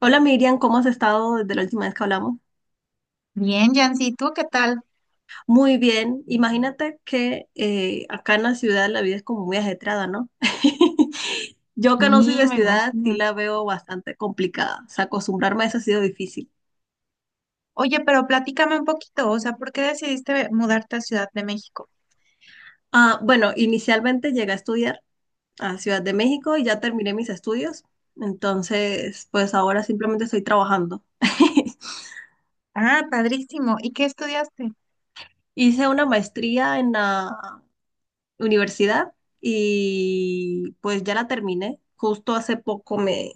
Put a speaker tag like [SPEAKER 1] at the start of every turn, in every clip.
[SPEAKER 1] Hola Miriam, ¿cómo has estado desde la última vez que hablamos?
[SPEAKER 2] Bien, Yancy, ¿tú qué tal?
[SPEAKER 1] Muy bien, imagínate que acá en la ciudad la vida es como muy ajetreada, ¿no? Yo que no soy
[SPEAKER 2] Sí,
[SPEAKER 1] de
[SPEAKER 2] me
[SPEAKER 1] ciudad, sí
[SPEAKER 2] imagino.
[SPEAKER 1] la veo bastante complicada, o sea, acostumbrarme a eso ha sido difícil.
[SPEAKER 2] Oye, pero platícame un poquito, o sea, ¿por qué decidiste mudarte a Ciudad de México?
[SPEAKER 1] Ah, bueno, inicialmente llegué a estudiar a Ciudad de México y ya terminé mis estudios, entonces pues ahora simplemente estoy trabajando.
[SPEAKER 2] Ah, padrísimo. ¿Y qué estudiaste?
[SPEAKER 1] Hice una maestría en la universidad y pues ya la terminé. Justo hace poco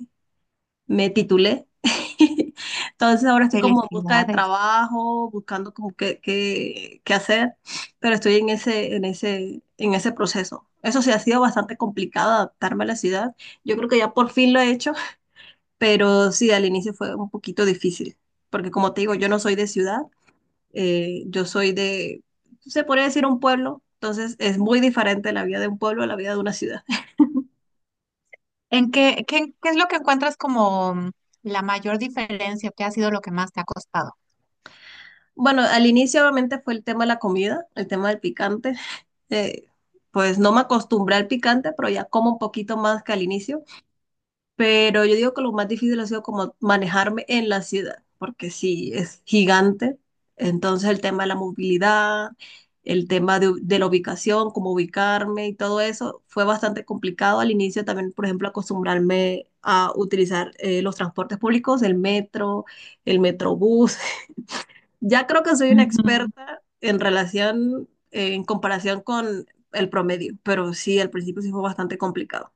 [SPEAKER 1] me titulé. Entonces ahora estoy como en busca de
[SPEAKER 2] Felicidades.
[SPEAKER 1] trabajo, buscando como qué hacer, pero estoy en ese proceso. Eso sí, ha sido bastante complicado adaptarme a la ciudad. Yo creo que ya por fin lo he hecho, pero sí, al inicio fue un poquito difícil, porque como te digo, yo no soy de ciudad yo soy de, se podría decir un pueblo, entonces es muy diferente la vida de un pueblo a la vida de una ciudad.
[SPEAKER 2] ¿En qué es lo que encuentras como la mayor diferencia? ¿Qué ha sido lo que más te ha costado?
[SPEAKER 1] Bueno, al inicio obviamente fue el tema de la comida, el tema del picante. Eh, pues no me acostumbré al picante, pero ya como un poquito más que al inicio. Pero yo digo que lo más difícil ha sido como manejarme en la ciudad, porque sí, es gigante. Entonces el tema de la movilidad, el tema de la ubicación, cómo ubicarme y todo eso fue bastante complicado al inicio también, por ejemplo, acostumbrarme a utilizar los transportes públicos, el metro, el metrobús. Ya creo que soy una
[SPEAKER 2] Ujú.
[SPEAKER 1] experta en relación, en comparación con el promedio, pero sí, al principio sí fue bastante complicado.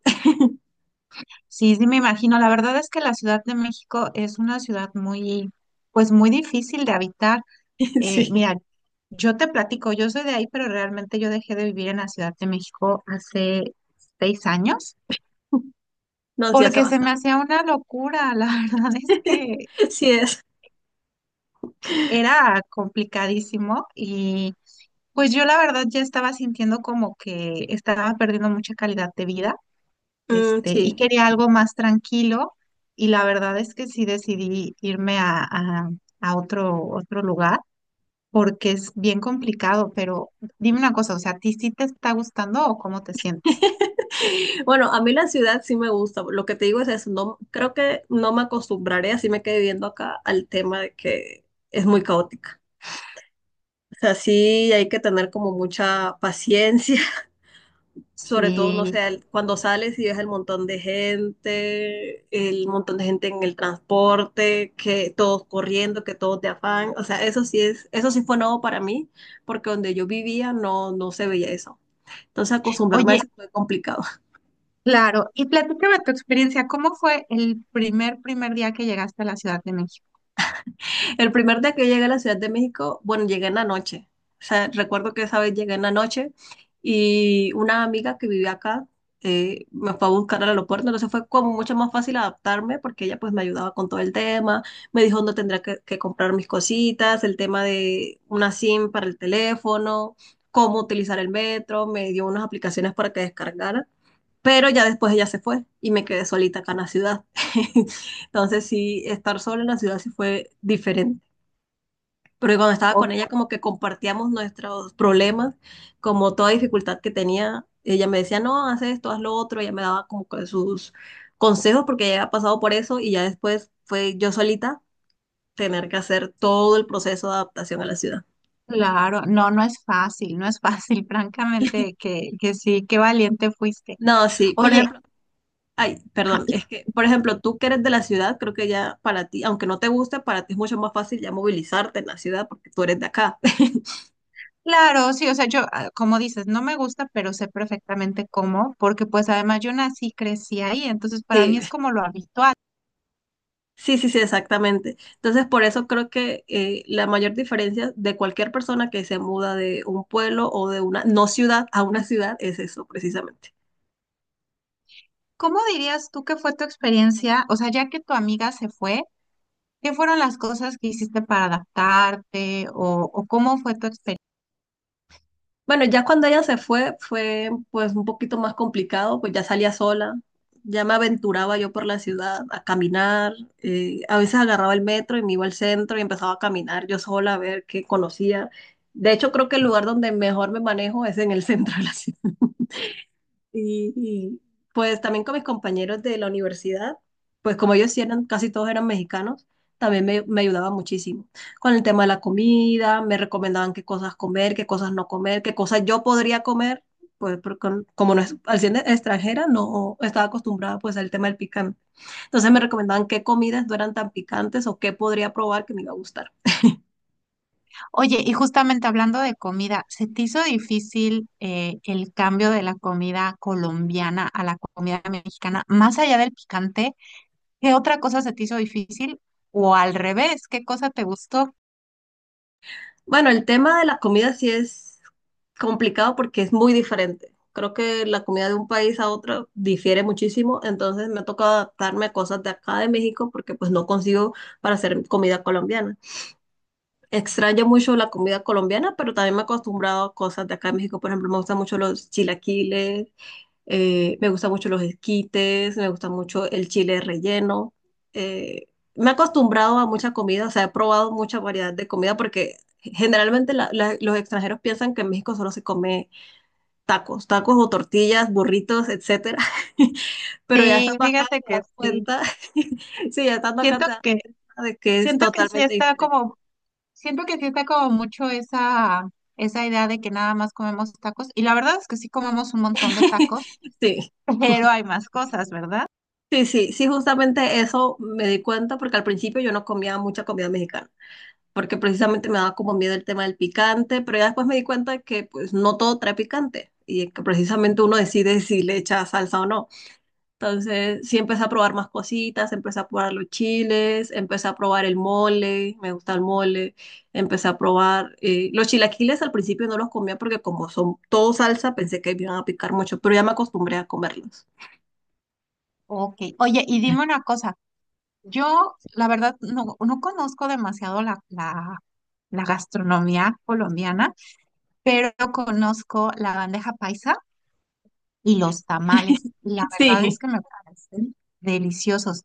[SPEAKER 2] Sí, sí, me imagino. La verdad es que la Ciudad de México es una ciudad muy, pues muy difícil de habitar.
[SPEAKER 1] Sí,
[SPEAKER 2] Mira, yo te platico, yo soy de ahí, pero realmente yo dejé de vivir en la Ciudad de México hace 6 años
[SPEAKER 1] no, sí hace
[SPEAKER 2] porque se me
[SPEAKER 1] bastante.
[SPEAKER 2] hacía una locura. La verdad es que
[SPEAKER 1] Sí es.
[SPEAKER 2] era complicadísimo y pues yo la verdad ya estaba sintiendo como que estaba perdiendo mucha calidad de vida,
[SPEAKER 1] Mm,
[SPEAKER 2] este, y
[SPEAKER 1] sí.
[SPEAKER 2] quería algo más tranquilo y la verdad es que sí decidí irme a otro lugar. Porque es bien complicado, pero dime una cosa, o sea, ¿a ti sí te está gustando o cómo te sientes?
[SPEAKER 1] Bueno, a mí la ciudad sí me gusta. Lo que te digo es eso. No, creo que no me acostumbraré, así me quedé viviendo acá, al tema de que es muy caótica. O sea, sí hay que tener como mucha paciencia, sobre todo, no
[SPEAKER 2] Sí.
[SPEAKER 1] sé, el- cuando sales y ves el montón de gente, el montón de gente en el transporte, que todos corriendo, que todos de afán. O sea, eso sí fue nuevo para mí, porque donde yo vivía no, no se veía eso. Entonces acostumbrarme a
[SPEAKER 2] Oye,
[SPEAKER 1] eso fue complicado.
[SPEAKER 2] claro, y platícame tu experiencia, ¿cómo fue el primer día que llegaste a la Ciudad de México?
[SPEAKER 1] El primer día que yo llegué a la Ciudad de México, bueno, llegué en la noche. O sea, recuerdo que esa vez llegué en la noche y una amiga que vivía acá me fue a buscar al aeropuerto, entonces fue como mucho más fácil adaptarme porque ella pues me ayudaba con todo el tema, me dijo dónde tendría que comprar mis cositas, el tema de una SIM para el teléfono, cómo utilizar el metro, me dio unas aplicaciones para que descargara. Pero ya después ella se fue y me quedé solita acá en la ciudad. Entonces sí, estar sola en la ciudad sí fue diferente. Pero cuando estaba
[SPEAKER 2] Oh,
[SPEAKER 1] con ella como que compartíamos nuestros problemas, como toda dificultad que tenía, ella me decía, no, haz esto, haz lo otro, ella me daba como que sus consejos porque ella había pasado por eso y ya después fue yo solita tener que hacer todo el proceso de adaptación a la ciudad.
[SPEAKER 2] claro, no, no es fácil, no es fácil, francamente, que sí, qué valiente fuiste.
[SPEAKER 1] No, sí, por
[SPEAKER 2] Oye,
[SPEAKER 1] ejemplo, ay,
[SPEAKER 2] ja,
[SPEAKER 1] perdón,
[SPEAKER 2] y
[SPEAKER 1] es que, por ejemplo, tú que eres de la ciudad, creo que ya para ti, aunque no te guste, para ti es mucho más fácil ya movilizarte en la ciudad porque tú eres de acá.
[SPEAKER 2] claro, sí, o sea, yo, ah, como dices, no me gusta, pero sé perfectamente cómo, porque pues además yo nací, crecí ahí, entonces para mí
[SPEAKER 1] Sí,
[SPEAKER 2] es como lo habitual.
[SPEAKER 1] sí, exactamente. Entonces, por eso creo que la mayor diferencia de cualquier persona que se muda de un pueblo o de una no ciudad a una ciudad es eso, precisamente.
[SPEAKER 2] ¿Cómo dirías tú que fue tu experiencia? O sea, ya que tu amiga se fue, ¿qué fueron las cosas que hiciste para adaptarte o cómo fue tu experiencia?
[SPEAKER 1] Bueno, ya cuando ella se fue, fue pues un poquito más complicado, pues ya salía sola, ya me aventuraba yo por la ciudad a caminar, a veces agarraba el metro y me iba al centro y empezaba a caminar yo sola a ver qué conocía. De hecho, creo que el lugar donde mejor me manejo es en el centro de la ciudad. Y, y, pues también con mis compañeros de la universidad, pues como ellos sí eran, casi todos eran mexicanos, también me ayudaba muchísimo con el tema de la comida, me recomendaban qué cosas comer, qué cosas no comer, qué cosas yo podría comer, pues porque como no es, al ser extranjera no estaba acostumbrada pues al tema del picante. Entonces me recomendaban qué comidas no eran tan picantes o qué podría probar que me iba a gustar.
[SPEAKER 2] Oye, y justamente hablando de comida, ¿se te hizo difícil el cambio de la comida colombiana a la comida mexicana? Más allá del picante, ¿qué otra cosa se te hizo difícil? O al revés, ¿qué cosa te gustó?
[SPEAKER 1] Bueno, el tema de la comida sí es complicado porque es muy diferente. Creo que la comida de un país a otro difiere muchísimo, entonces me ha tocado adaptarme a cosas de acá de México porque pues no consigo para hacer comida colombiana. Extraño mucho la comida colombiana, pero también me he acostumbrado a cosas de acá de México. Por ejemplo, me gustan mucho los chilaquiles, me gustan mucho los esquites, me gusta mucho el chile relleno. Eh, Me he acostumbrado a mucha comida, o sea, he probado mucha variedad de comida porque generalmente los extranjeros piensan que en México solo se come tacos, tacos o tortillas, burritos, etcétera. Pero ya
[SPEAKER 2] Sí,
[SPEAKER 1] estando acá
[SPEAKER 2] fíjate
[SPEAKER 1] te
[SPEAKER 2] que
[SPEAKER 1] das
[SPEAKER 2] sí.
[SPEAKER 1] cuenta, sí, ya estando acá
[SPEAKER 2] Siento
[SPEAKER 1] te das
[SPEAKER 2] que,
[SPEAKER 1] cuenta de que es
[SPEAKER 2] siento que sí
[SPEAKER 1] totalmente
[SPEAKER 2] está
[SPEAKER 1] diferente.
[SPEAKER 2] como Siento que sí está como mucho esa idea de que nada más comemos tacos. Y la verdad es que sí comemos un montón de tacos,
[SPEAKER 1] Sí,
[SPEAKER 2] pero hay más cosas, ¿verdad?
[SPEAKER 1] sí, justamente eso me di cuenta porque al principio yo no comía mucha comida mexicana, porque precisamente me daba como miedo el tema del picante, pero ya después me di cuenta que pues no todo trae picante y que precisamente uno decide si le echa salsa o no. Entonces sí empecé a probar más cositas, empecé a probar los chiles, empecé a probar el mole, me gusta el mole, empecé a probar los chilaquiles, al principio no los comía porque como son todo salsa pensé que me iban a picar mucho, pero ya me acostumbré a comerlos.
[SPEAKER 2] Ok. Oye, y dime una cosa. Yo, la verdad, no, no conozco demasiado la gastronomía colombiana, pero conozco la bandeja paisa y los tamales. La verdad es
[SPEAKER 1] Sí.
[SPEAKER 2] que me parecen deliciosos.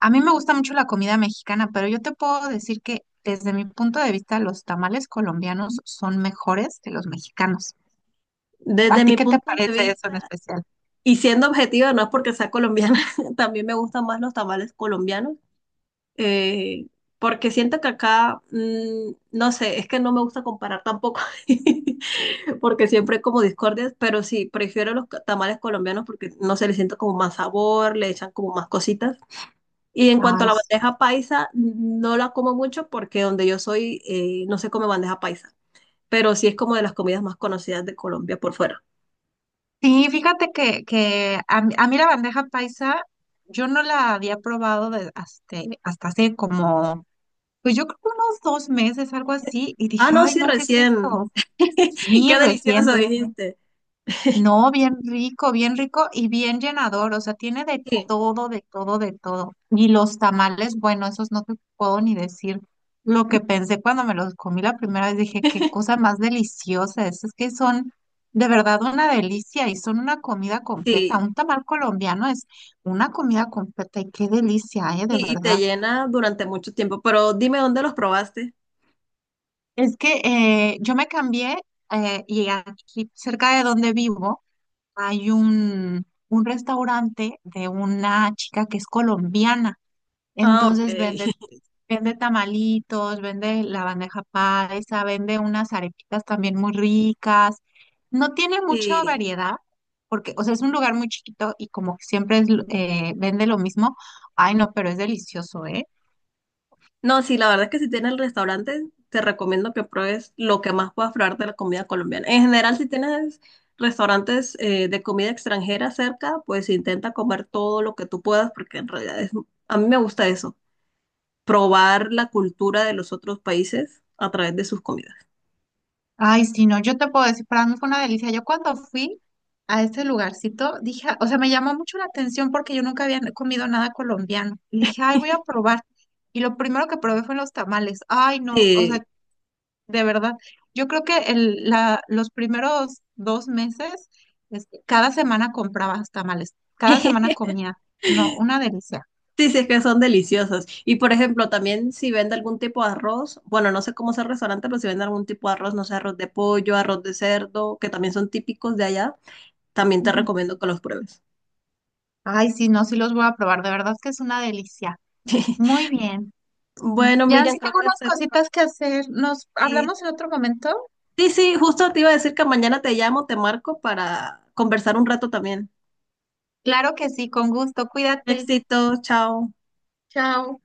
[SPEAKER 2] A mí me gusta mucho la comida mexicana, pero yo te puedo decir que desde mi punto de vista los tamales colombianos son mejores que los mexicanos. ¿A
[SPEAKER 1] Desde
[SPEAKER 2] ti
[SPEAKER 1] mi
[SPEAKER 2] qué te
[SPEAKER 1] punto de
[SPEAKER 2] parece eso en
[SPEAKER 1] vista,
[SPEAKER 2] especial?
[SPEAKER 1] y siendo objetiva, no es porque sea colombiana, también me gustan más los tamales colombianos, eh, porque siento que acá, mm, no sé, es que no me gusta comparar tampoco, porque siempre hay como discordias, pero sí, prefiero los tamales colombianos porque, no se le siento como más sabor, le echan como más cositas. Y en cuanto a
[SPEAKER 2] Ay,
[SPEAKER 1] la
[SPEAKER 2] sí.
[SPEAKER 1] bandeja paisa, no la como mucho porque donde yo soy no se come bandeja paisa, pero sí es como de las comidas más conocidas de Colombia por fuera.
[SPEAKER 2] Sí, fíjate que a mí la bandeja paisa yo no la había probado de- hasta, hasta hace como, pues yo creo que unos 2 meses, algo así, y
[SPEAKER 1] Ah,
[SPEAKER 2] dije,
[SPEAKER 1] no,
[SPEAKER 2] ay,
[SPEAKER 1] sí,
[SPEAKER 2] no, ¿qué es
[SPEAKER 1] recién.
[SPEAKER 2] esto? Sí,
[SPEAKER 1] Qué delicioso
[SPEAKER 2] recién.
[SPEAKER 1] dijiste.
[SPEAKER 2] No, bien rico y bien llenador, o sea, tiene de
[SPEAKER 1] Sí,
[SPEAKER 2] todo, de todo. Y los tamales, bueno, esos no te puedo ni decir lo que pensé cuando me los comí la primera vez, dije, qué cosa más deliciosa, es que son de verdad una delicia y son una comida completa.
[SPEAKER 1] sí,
[SPEAKER 2] Un tamal colombiano es una comida completa y qué delicia, de
[SPEAKER 1] y te
[SPEAKER 2] verdad.
[SPEAKER 1] llena durante mucho tiempo, pero dime dónde los probaste.
[SPEAKER 2] Es que yo me cambié y aquí cerca de donde vivo hay un restaurante de una chica que es colombiana,
[SPEAKER 1] Ah, ok.
[SPEAKER 2] entonces vende tamalitos, vende la bandeja paisa, vende unas arepitas también muy ricas. No tiene mucha
[SPEAKER 1] Sí.
[SPEAKER 2] variedad, porque, o sea, es un lugar muy chiquito y como que siempre es, vende lo mismo. Ay, no, pero es delicioso, ¿eh?
[SPEAKER 1] No, sí, la verdad es que si tienes el restaurante, te recomiendo que pruebes lo que más puedas probar de la comida colombiana. En general, si tienes restaurantes de comida extranjera cerca, pues intenta comer todo lo que tú puedas, porque en realidad es, a mí me gusta eso, probar la cultura de los otros países a través de sus comidas.
[SPEAKER 2] Ay, sí, no, yo te puedo decir, para mí fue una delicia. Yo cuando fui a ese lugarcito, dije, o sea, me llamó mucho la atención porque yo nunca había comido nada colombiano. Y dije, ay, voy a probar. Y lo primero que probé fueron los tamales. Ay, no, o sea,
[SPEAKER 1] Sí.
[SPEAKER 2] de verdad. Yo creo que los primeros 2 meses, este, cada semana compraba tamales, cada semana comía. No, una delicia.
[SPEAKER 1] Sí, sí, es que son deliciosos. Y por ejemplo, también si vende algún tipo de arroz, bueno, no sé cómo es el restaurante, pero si vende algún tipo de arroz, no sé, arroz de pollo, arroz de cerdo, que también son típicos de allá, también te
[SPEAKER 2] Ujú.
[SPEAKER 1] recomiendo que los pruebes.
[SPEAKER 2] Ay, sí, no, sí los voy a probar, de verdad que es una delicia. Muy bien.
[SPEAKER 1] Bueno,
[SPEAKER 2] Jan,
[SPEAKER 1] Miriam,
[SPEAKER 2] sí
[SPEAKER 1] creo
[SPEAKER 2] tengo
[SPEAKER 1] que
[SPEAKER 2] unas
[SPEAKER 1] te...
[SPEAKER 2] cositas que hacer. ¿Nos
[SPEAKER 1] y-
[SPEAKER 2] hablamos en otro momento?
[SPEAKER 1] Sí, sí, justo te iba a decir que mañana te llamo, te marco para conversar un rato también.
[SPEAKER 2] Claro que sí, con gusto. Cuídate.
[SPEAKER 1] Éxito, chao.
[SPEAKER 2] Chao.